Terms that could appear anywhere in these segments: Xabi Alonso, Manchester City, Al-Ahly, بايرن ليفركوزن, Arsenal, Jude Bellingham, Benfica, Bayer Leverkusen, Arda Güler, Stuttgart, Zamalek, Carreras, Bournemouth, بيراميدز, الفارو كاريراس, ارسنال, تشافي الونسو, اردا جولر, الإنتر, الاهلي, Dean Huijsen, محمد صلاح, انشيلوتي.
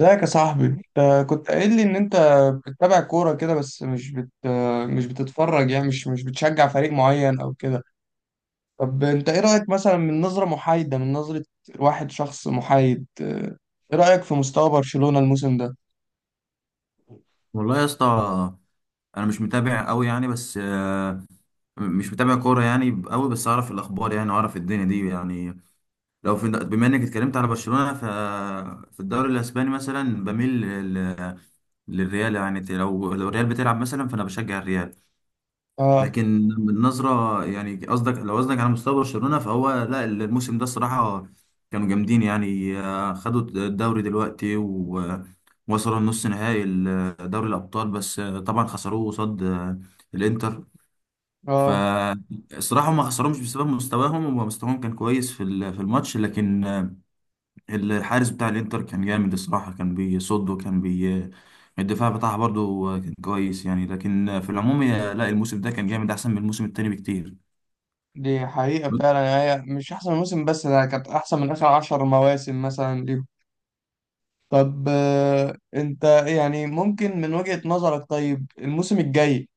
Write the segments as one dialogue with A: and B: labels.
A: ازيك يا صاحبي؟ انت كنت قايل لي ان انت بتتابع كورة كده، بس مش بتتفرج، يعني مش بتشجع فريق معين او كده. طب انت ايه رأيك، مثلا من نظرة محايدة، من نظرة واحد شخص محايد، ايه رأيك في مستوى برشلونة الموسم ده؟
B: والله يا اسطى، انا مش متابع قوي يعني. بس مش متابع كوره يعني قوي، بس اعرف الاخبار يعني، واعرف الدنيا دي يعني. لو في، بما انك اتكلمت على برشلونه، في الدوري الاسباني مثلا بميل للريال يعني. لو الريال بتلعب مثلا فانا بشجع الريال.
A: اه،
B: لكن النظرة يعني، قصدك لو قصدك على مستوى برشلونة، فهو لا، الموسم ده الصراحة كانوا جامدين يعني. خدوا الدوري دلوقتي ووصلوا النص نهائي دوري الأبطال، بس طبعا خسروه قصاد الإنتر.
A: اه،
B: فالصراحة هم ما خسروهمش بسبب مستواهم، هو مستواهم كان كويس في في الماتش. لكن الحارس بتاع الانتر كان جامد الصراحة، كان بيصد. وكان بي الدفاع بتاعها برضو كان كويس يعني. لكن في العموم لا، الموسم ده كان جامد، احسن من الموسم التاني بكتير.
A: دي حقيقة فعلا يعني، هي مش احسن موسم، بس ده كانت احسن من اخر عشر مواسم مثلا ليهم. طب انت يعني ممكن من وجهة نظرك، طيب الموسم الجاي،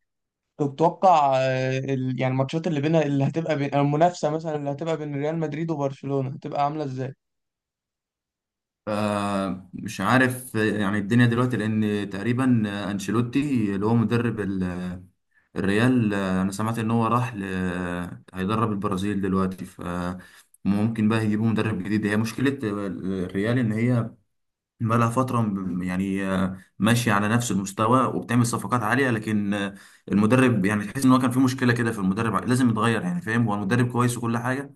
A: تتوقع يعني الماتشات اللي بينها، اللي هتبقى بين المنافسة، مثلا اللي هتبقى بين ريال مدريد وبرشلونة، هتبقى عاملة ازاي؟
B: مش عارف. يعني الدنيا دلوقتي، لان تقريبا انشيلوتي اللي هو مدرب الريال، انا سمعت ان هو راح ل... آه، هيدرب البرازيل دلوقتي. ممكن بقى يجيبوا مدرب جديد. هي مشكلة الريال ان هي بقالها فترة ماشية على نفس المستوى، وبتعمل صفقات عالية. لكن المدرب يعني تحس ان هو كان في مشكلة كده في المدرب، لازم يتغير يعني. فاهم، هو المدرب كويس وكل حاجة،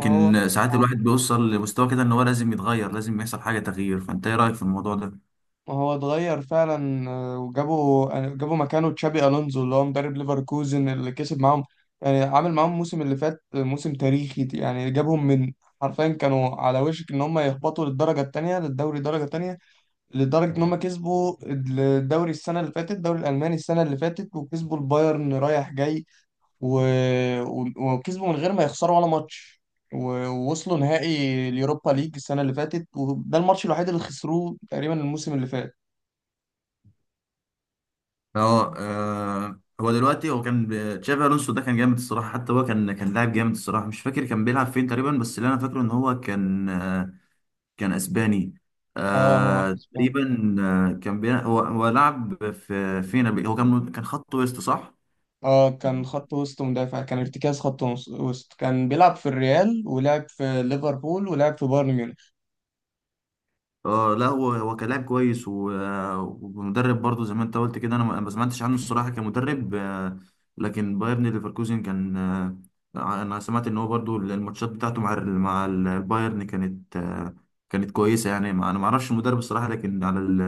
A: ما هو
B: ساعات الواحد بيوصل لمستوى كده ان هو لازم يتغير، لازم يحصل حاجة تغيير. فانت ايه رأيك في الموضوع ده؟
A: ما هو اتغير فعلا، وجابوا آه، جابوا مكانه تشابي ألونزو اللي هو مدرب ليفركوزن اللي كسب معاهم، يعني عامل معاهم الموسم اللي فات موسم تاريخي، يعني جابهم حرفيا كانوا على وشك ان هم يهبطوا للدرجة التانية، للدوري الدرجة التانية، لدرجة ان هم كسبوا الدوري السنة اللي فاتت، الدوري الألماني السنة اللي فاتت، وكسبوا البايرن رايح جاي و... وكسبوا من غير ما يخسروا ولا ماتش ووصلوا نهائي اليوروبا ليج السنة اللي فاتت، وده الماتش الوحيد اللي خسروه تقريبا الموسم اللي فات.
B: اه. هو دلوقتي هو كان تشافي الونسو ده كان جامد الصراحة. حتى هو كان لاعب جامد الصراحة. مش فاكر كان بيلعب فين تقريبا، بس اللي انا فاكره ان هو كان اسباني.
A: اه، هو
B: آه
A: اسباني.
B: تقريبا، آه كان هو لعب في فينا هو كان كان خط وسط، صح؟
A: اه، كان خط وسط مدافع، كان ارتكاز خط وسط، كان بيلعب في الريال، ولعب في ليفربول، ولعب في بايرن ميونخ.
B: اه لا، هو كان لاعب كويس، و... آه، ومدرب برضه زي ما انت قلت كده. انا ما سمعتش عنه الصراحه كمدرب. لكن بايرن ليفركوزن كان. انا سمعت ان هو برضه الماتشات بتاعته مع البايرن كانت كويسه يعني. ما... انا ما اعرفش المدرب الصراحه، لكن على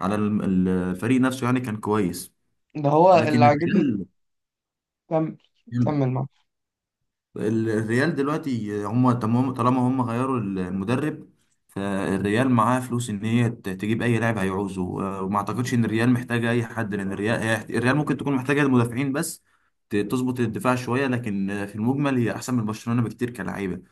B: على ال- الفريق نفسه يعني كان كويس.
A: ده هو اللي
B: لكن
A: عاجبني.
B: الريال،
A: كمل، كمل معاه.
B: الريال دلوقتي هم تمام. طالما هم غيروا المدرب، فالريال معاه فلوس ان هي تجيب اي لاعب هيعوزه. وما اعتقدش ان الريال محتاجه اي حد، لان الريال الريال ممكن تكون محتاجه المدافعين بس، تظبط الدفاع شويه. لكن في المجمل هي احسن من برشلونه بكتير كلاعيبه.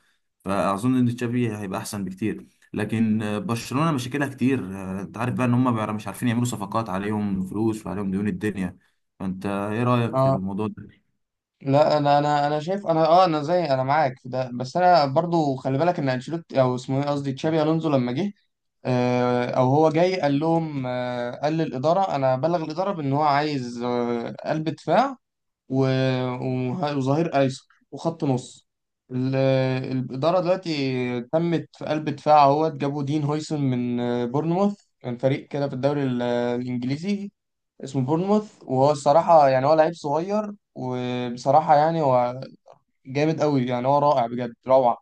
B: فاظن ان تشافي هيبقى احسن بكتير. لكن برشلونه مشاكلها كتير. انت عارف بقى ان هم بقى مش عارفين يعملوا صفقات، عليهم فلوس وعليهم ديون الدنيا. فانت ايه رايك في
A: اه،
B: الموضوع ده؟
A: لا، انا شايف، انا زي معاك في ده، بس انا برضو خلي بالك ان انشيلوتي، او اسمه ايه، قصدي تشابي الونزو، لما جه او هو جاي قال لهم، قال للاداره، انا بلغ الاداره بان هو عايز قلب دفاع و- وظهير ايسر وخط نص. الاداره دلوقتي تمت في قلب دفاع، اهوت جابوا دين هويسن من بورنموث، كان فريق كده في الدوري الانجليزي اسمه بورنموث، وهو الصراحه يعني هو لعيب صغير، وبصراحه يعني هو جامد قوي، يعني هو رائع بجد روعه.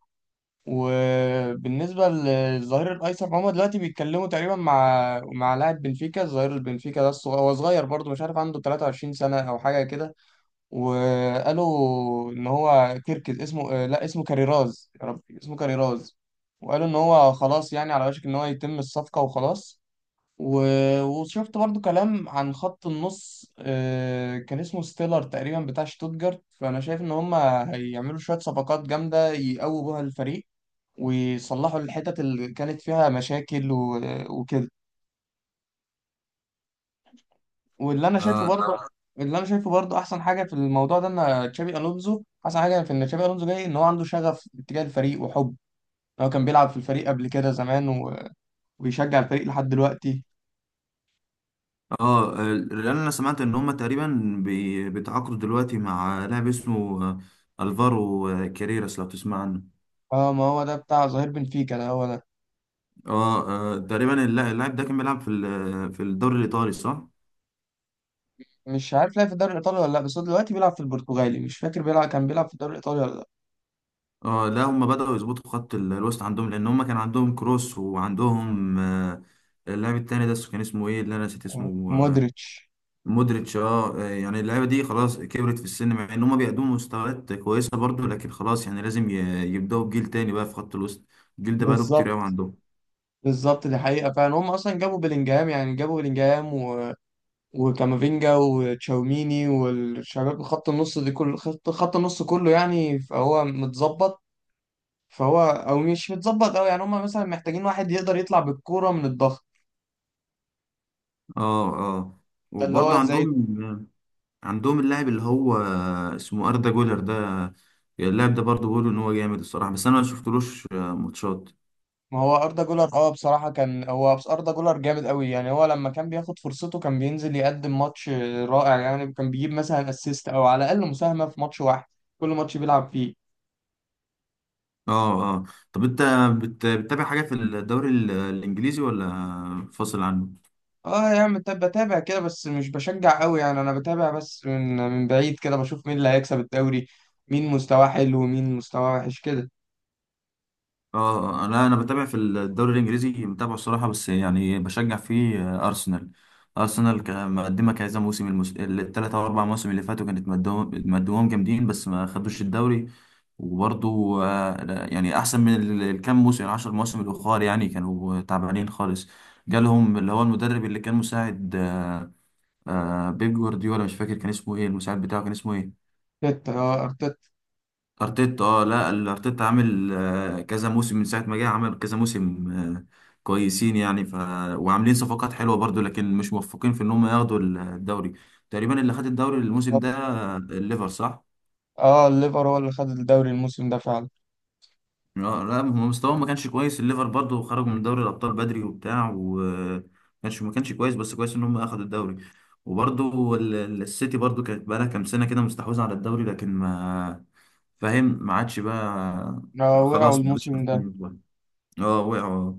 A: وبالنسبة للظهير الأيسر، هما دلوقتي بيتكلموا تقريبا مع لاعب بنفيكا، الظهير البنفيكا ده هو صغير برضه، مش عارف عنده 23 سنة أو حاجة كده، وقالوا إن هو كيركز اسمه، لا اسمه كاريراز، يا ربي اسمه كاريراز، وقالوا إن هو خلاص يعني على وشك إن هو يتم الصفقة وخلاص وشفت برضو كلام عن خط النص، كان اسمه ستيلر تقريبا بتاع شتوتجارت، فأنا شايف إن هما هيعملوا شوية صفقات جامدة يقووا بيها الفريق، ويصلحوا الحتت اللي كانت فيها مشاكل وكده. واللي انا شايفه برضه آه. اللي انا شايفه برضه احسن حاجه في الموضوع ده ان تشابي الونزو، احسن حاجه في ان تشابي الونزو جاي ان هو عنده شغف اتجاه الفريق وحب، هو كان بيلعب في الفريق قبل كده زمان ويشجع الفريق لحد دلوقتي.
B: اه، لان انا سمعت ان هما تقريبا بيتعاقدوا دلوقتي مع لاعب اسمه الفارو كاريراس، لو تسمع عنه.
A: اه، ما هو ده بتاع ظهير بنفيكا، ده هو ده.
B: اه. تقريبا اللاعب ده كان بيلعب في في الدوري الايطالي، صح؟
A: مش عارف لعب في الدوري الايطالي ولا لا، بس هو دلوقتي بيلعب في البرتغالي، مش فاكر بيلعب كان بيلعب في الدوري الايطالي ولا لا.
B: اه لا، هما بدأوا يظبطوا خط الوسط عندهم، لان هما كان عندهم كروس وعندهم اللاعب التاني ده كان اسمه ايه اللي انا نسيت اسمه؟
A: مودريتش.
B: مودريتش. اه. يعني اللعيبه دي خلاص كبرت في السن، مع ان هما بيقدموا مستويات كويسه برضو، لكن خلاص يعني لازم يبدأوا بجيل تاني بقى في خط الوسط. الجيل ده بقاله كتير قوي
A: بالظبط،
B: عندهم.
A: بالظبط، دي حقيقه فعلا، هم اصلا جابوا بلينجهام، يعني جابوا بلينجهام وكامافينجا وتشاوميني والشباب، خط النص دي كل خط النص كله يعني فهو متظبط، فهو او مش متظبط قوي يعني، هم مثلا محتاجين واحد يقدر يطلع بالكوره من الضغط.
B: اه، اه،
A: ده اللي
B: وبرضه
A: هو زي.
B: عندهم اللاعب اللي هو اسمه اردا جولر ده. اللاعب ده برضه بيقولوا ان هو جامد الصراحه، بس انا ما شفتلوش ماتشات.
A: ما هو اردا جولر، اه بصراحه كان هو، بس اردا جولر جامد قوي، يعني هو لما كان بياخد فرصته كان بينزل يقدم ماتش رائع، يعني كان بيجيب مثلا اسيست او على الاقل مساهمه في ماتش واحد كل ماتش بيلعب فيه.
B: اه، اه. طب انت بتتابع حاجه في الدوري الانجليزي ولا فاصل عنه؟
A: اه يا عم، بتابع بتابع كده بس مش بشجع قوي، يعني انا بتابع بس من بعيد كده، بشوف مين اللي هيكسب الدوري، مين مستواه حلو ومين مستواه وحش كده.
B: اه لا، انا بتابع في الدوري الانجليزي متابعه الصراحه، بس يعني بشجع فيه آه، ارسنال ارسنال مقدمه كذا موسم، الـ3 أو 4 مواسم اللي فاتوا كانت مدوهم مدوهم جامدين، بس ما خدوش الدوري. وبرضو لا، يعني احسن من الكام موسم، الـ10 مواسم الاخر يعني كانوا تعبانين خالص. جالهم اللي هو المدرب اللي كان مساعد بيب جوارديولا. مش فاكر كان اسمه ايه المساعد بتاعه، كان اسمه ايه؟
A: ارتيتا، اه ارتيتا.
B: ارتيتا. اه، لا الارتيتا عامل كذا موسم، من ساعه ما جه عمل كذا موسم كويسين يعني. وعاملين صفقات حلوه برضو، لكن مش موفقين في ان هم ياخدوا الدوري. تقريبا اللي خد الدوري الموسم
A: بالظبط.
B: ده الليفر، صح؟
A: اه، الليفر هو اللي خد الدوري الموسم ده فعلا.
B: اه، لا هم مستواهم ما كانش كويس. الليفر برضو خرجوا من دوري الابطال بدري وبتاع، وما كانش ما كانش كويس. بس كويس ان هم اخدوا الدوري. وبرضو السيتي برضو كانت بقالها كام سنه كده مستحوذه على الدوري، لكن ما فاهم ما عادش بقى.
A: وقعوا
B: خلاص ما عادش
A: الموسم ده.
B: عارفين. اه، وقعوا.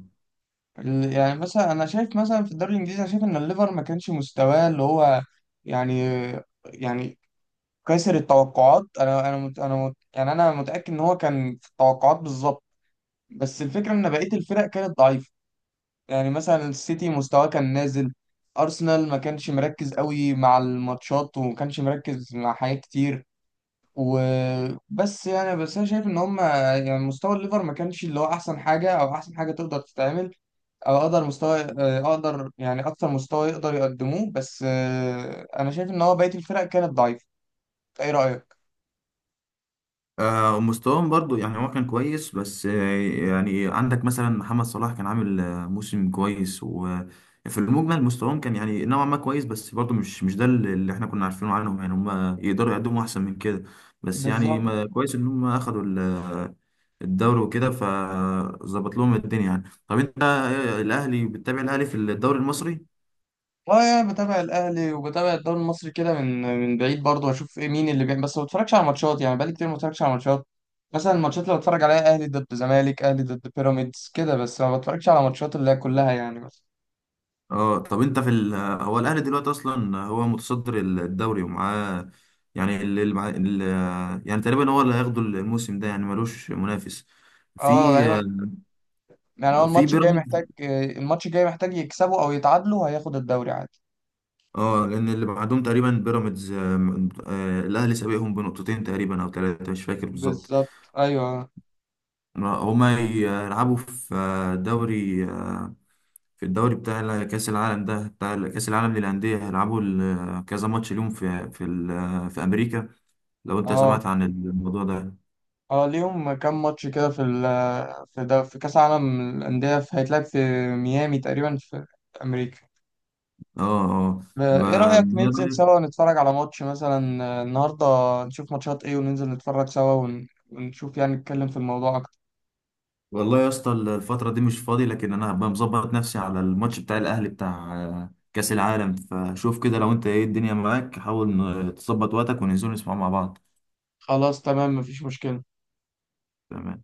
A: يعني مثلا انا شايف، مثلا في الدوري الانجليزي، انا شايف ان الليفر ما كانش مستواه اللي هو يعني يعني كسر التوقعات، انا انا مت انا مت يعني انا متاكد ان هو كان في التوقعات بالظبط، بس الفكره ان بقيه الفرق كانت ضعيفه، يعني مثلا السيتي مستواه كان نازل، ارسنال ما كانش مركز قوي مع الماتشات، وما كانش مركز مع حاجات كتير، وبس يعني بس انا شايف ان هم يعني مستوى الليفر ما كانش اللي هو احسن حاجه، او احسن حاجه تقدر تتعمل، او اقدر مستوى آه، اقدر يعني اكتر مستوى يقدر يقدموه، بس انا شايف ان هو بقيه الفرق كانت ضعيفه، ايه رايك؟
B: مستواهم برضو يعني هو كان كويس، بس يعني عندك مثلا محمد صلاح كان عامل موسم كويس. وفي المجمل مستواهم كان يعني نوعا ما كويس، بس برضو مش ده اللي احنا كنا عارفينه عنهم يعني، هم يقدروا يقدموا احسن من كده. بس يعني
A: بالظبط.
B: ما كويس ان هم اخدوا الدوري وكده، فظبط لهم الدنيا يعني. طب انت، الاهلي، بتتابع الاهلي في الدوري المصري؟
A: اه، يعني بتابع الاهلي، وبتابع الدوري المصري كده من بعيد برضه، واشوف ايه مين اللي بيعمل، بس ما بتفرجش على ماتشات، يعني بقالي كتير ما بتفرجش على ماتشات، مثلا الماتشات اللي بتفرج عليها اهلي ضد زمالك، اهلي ضد بيراميدز كده، بس ما بتفرجش على ماتشات اللي هي كلها يعني بس.
B: اه. طب انت في هو الاهلي دلوقتي اصلا هو متصدر الدوري، ومعاه يعني اللي معاه يعني تقريبا هو اللي هياخده الموسم ده، يعني ملوش منافس في
A: اه غالبا، يعني هو
B: في بيراميدز.
A: الماتش الجاي محتاج يكسبوا او يتعادلوا، هياخد الدوري عادي.
B: اه، لان اللي بعدهم تقريبا بيراميدز. الاهلي سابقهم بنقطتين تقريبا او ثلاثه، مش فاكر بالظبط.
A: بالظبط، ايوه.
B: هما يلعبوا في آه، دوري آه، في الدوري بتاع كاس العالم ده، بتاع كاس العالم للانديه. هيلعبوا كذا ماتش اليوم في امريكا، لو انت
A: اه،
B: سمعت عن الموضوع ده.
A: اه، ليهم كام ماتش كده في ده في كاس عالم الانديه، هيتلعب في ميامي تقريبا في امريكا.
B: اه. اه. ب-
A: ايه رأيك ننزل سوا نتفرج على ماتش مثلا النهارده، نشوف ماتشات ايه، وننزل نتفرج سوا ونشوف يعني، نتكلم في الموضوع اكتر.
B: والله يا اسطى الفترة دي مش فاضي، لكن انا هبقى مظبط نفسي على الماتش بتاع الاهلي، بتاع كأس العالم. فشوف كده، لو انت ايه الدنيا معاك، حاول تظبط وقتك وننزل نسمع مع بعض.
A: خلاص تمام، مفيش مشكلة.
B: تمام.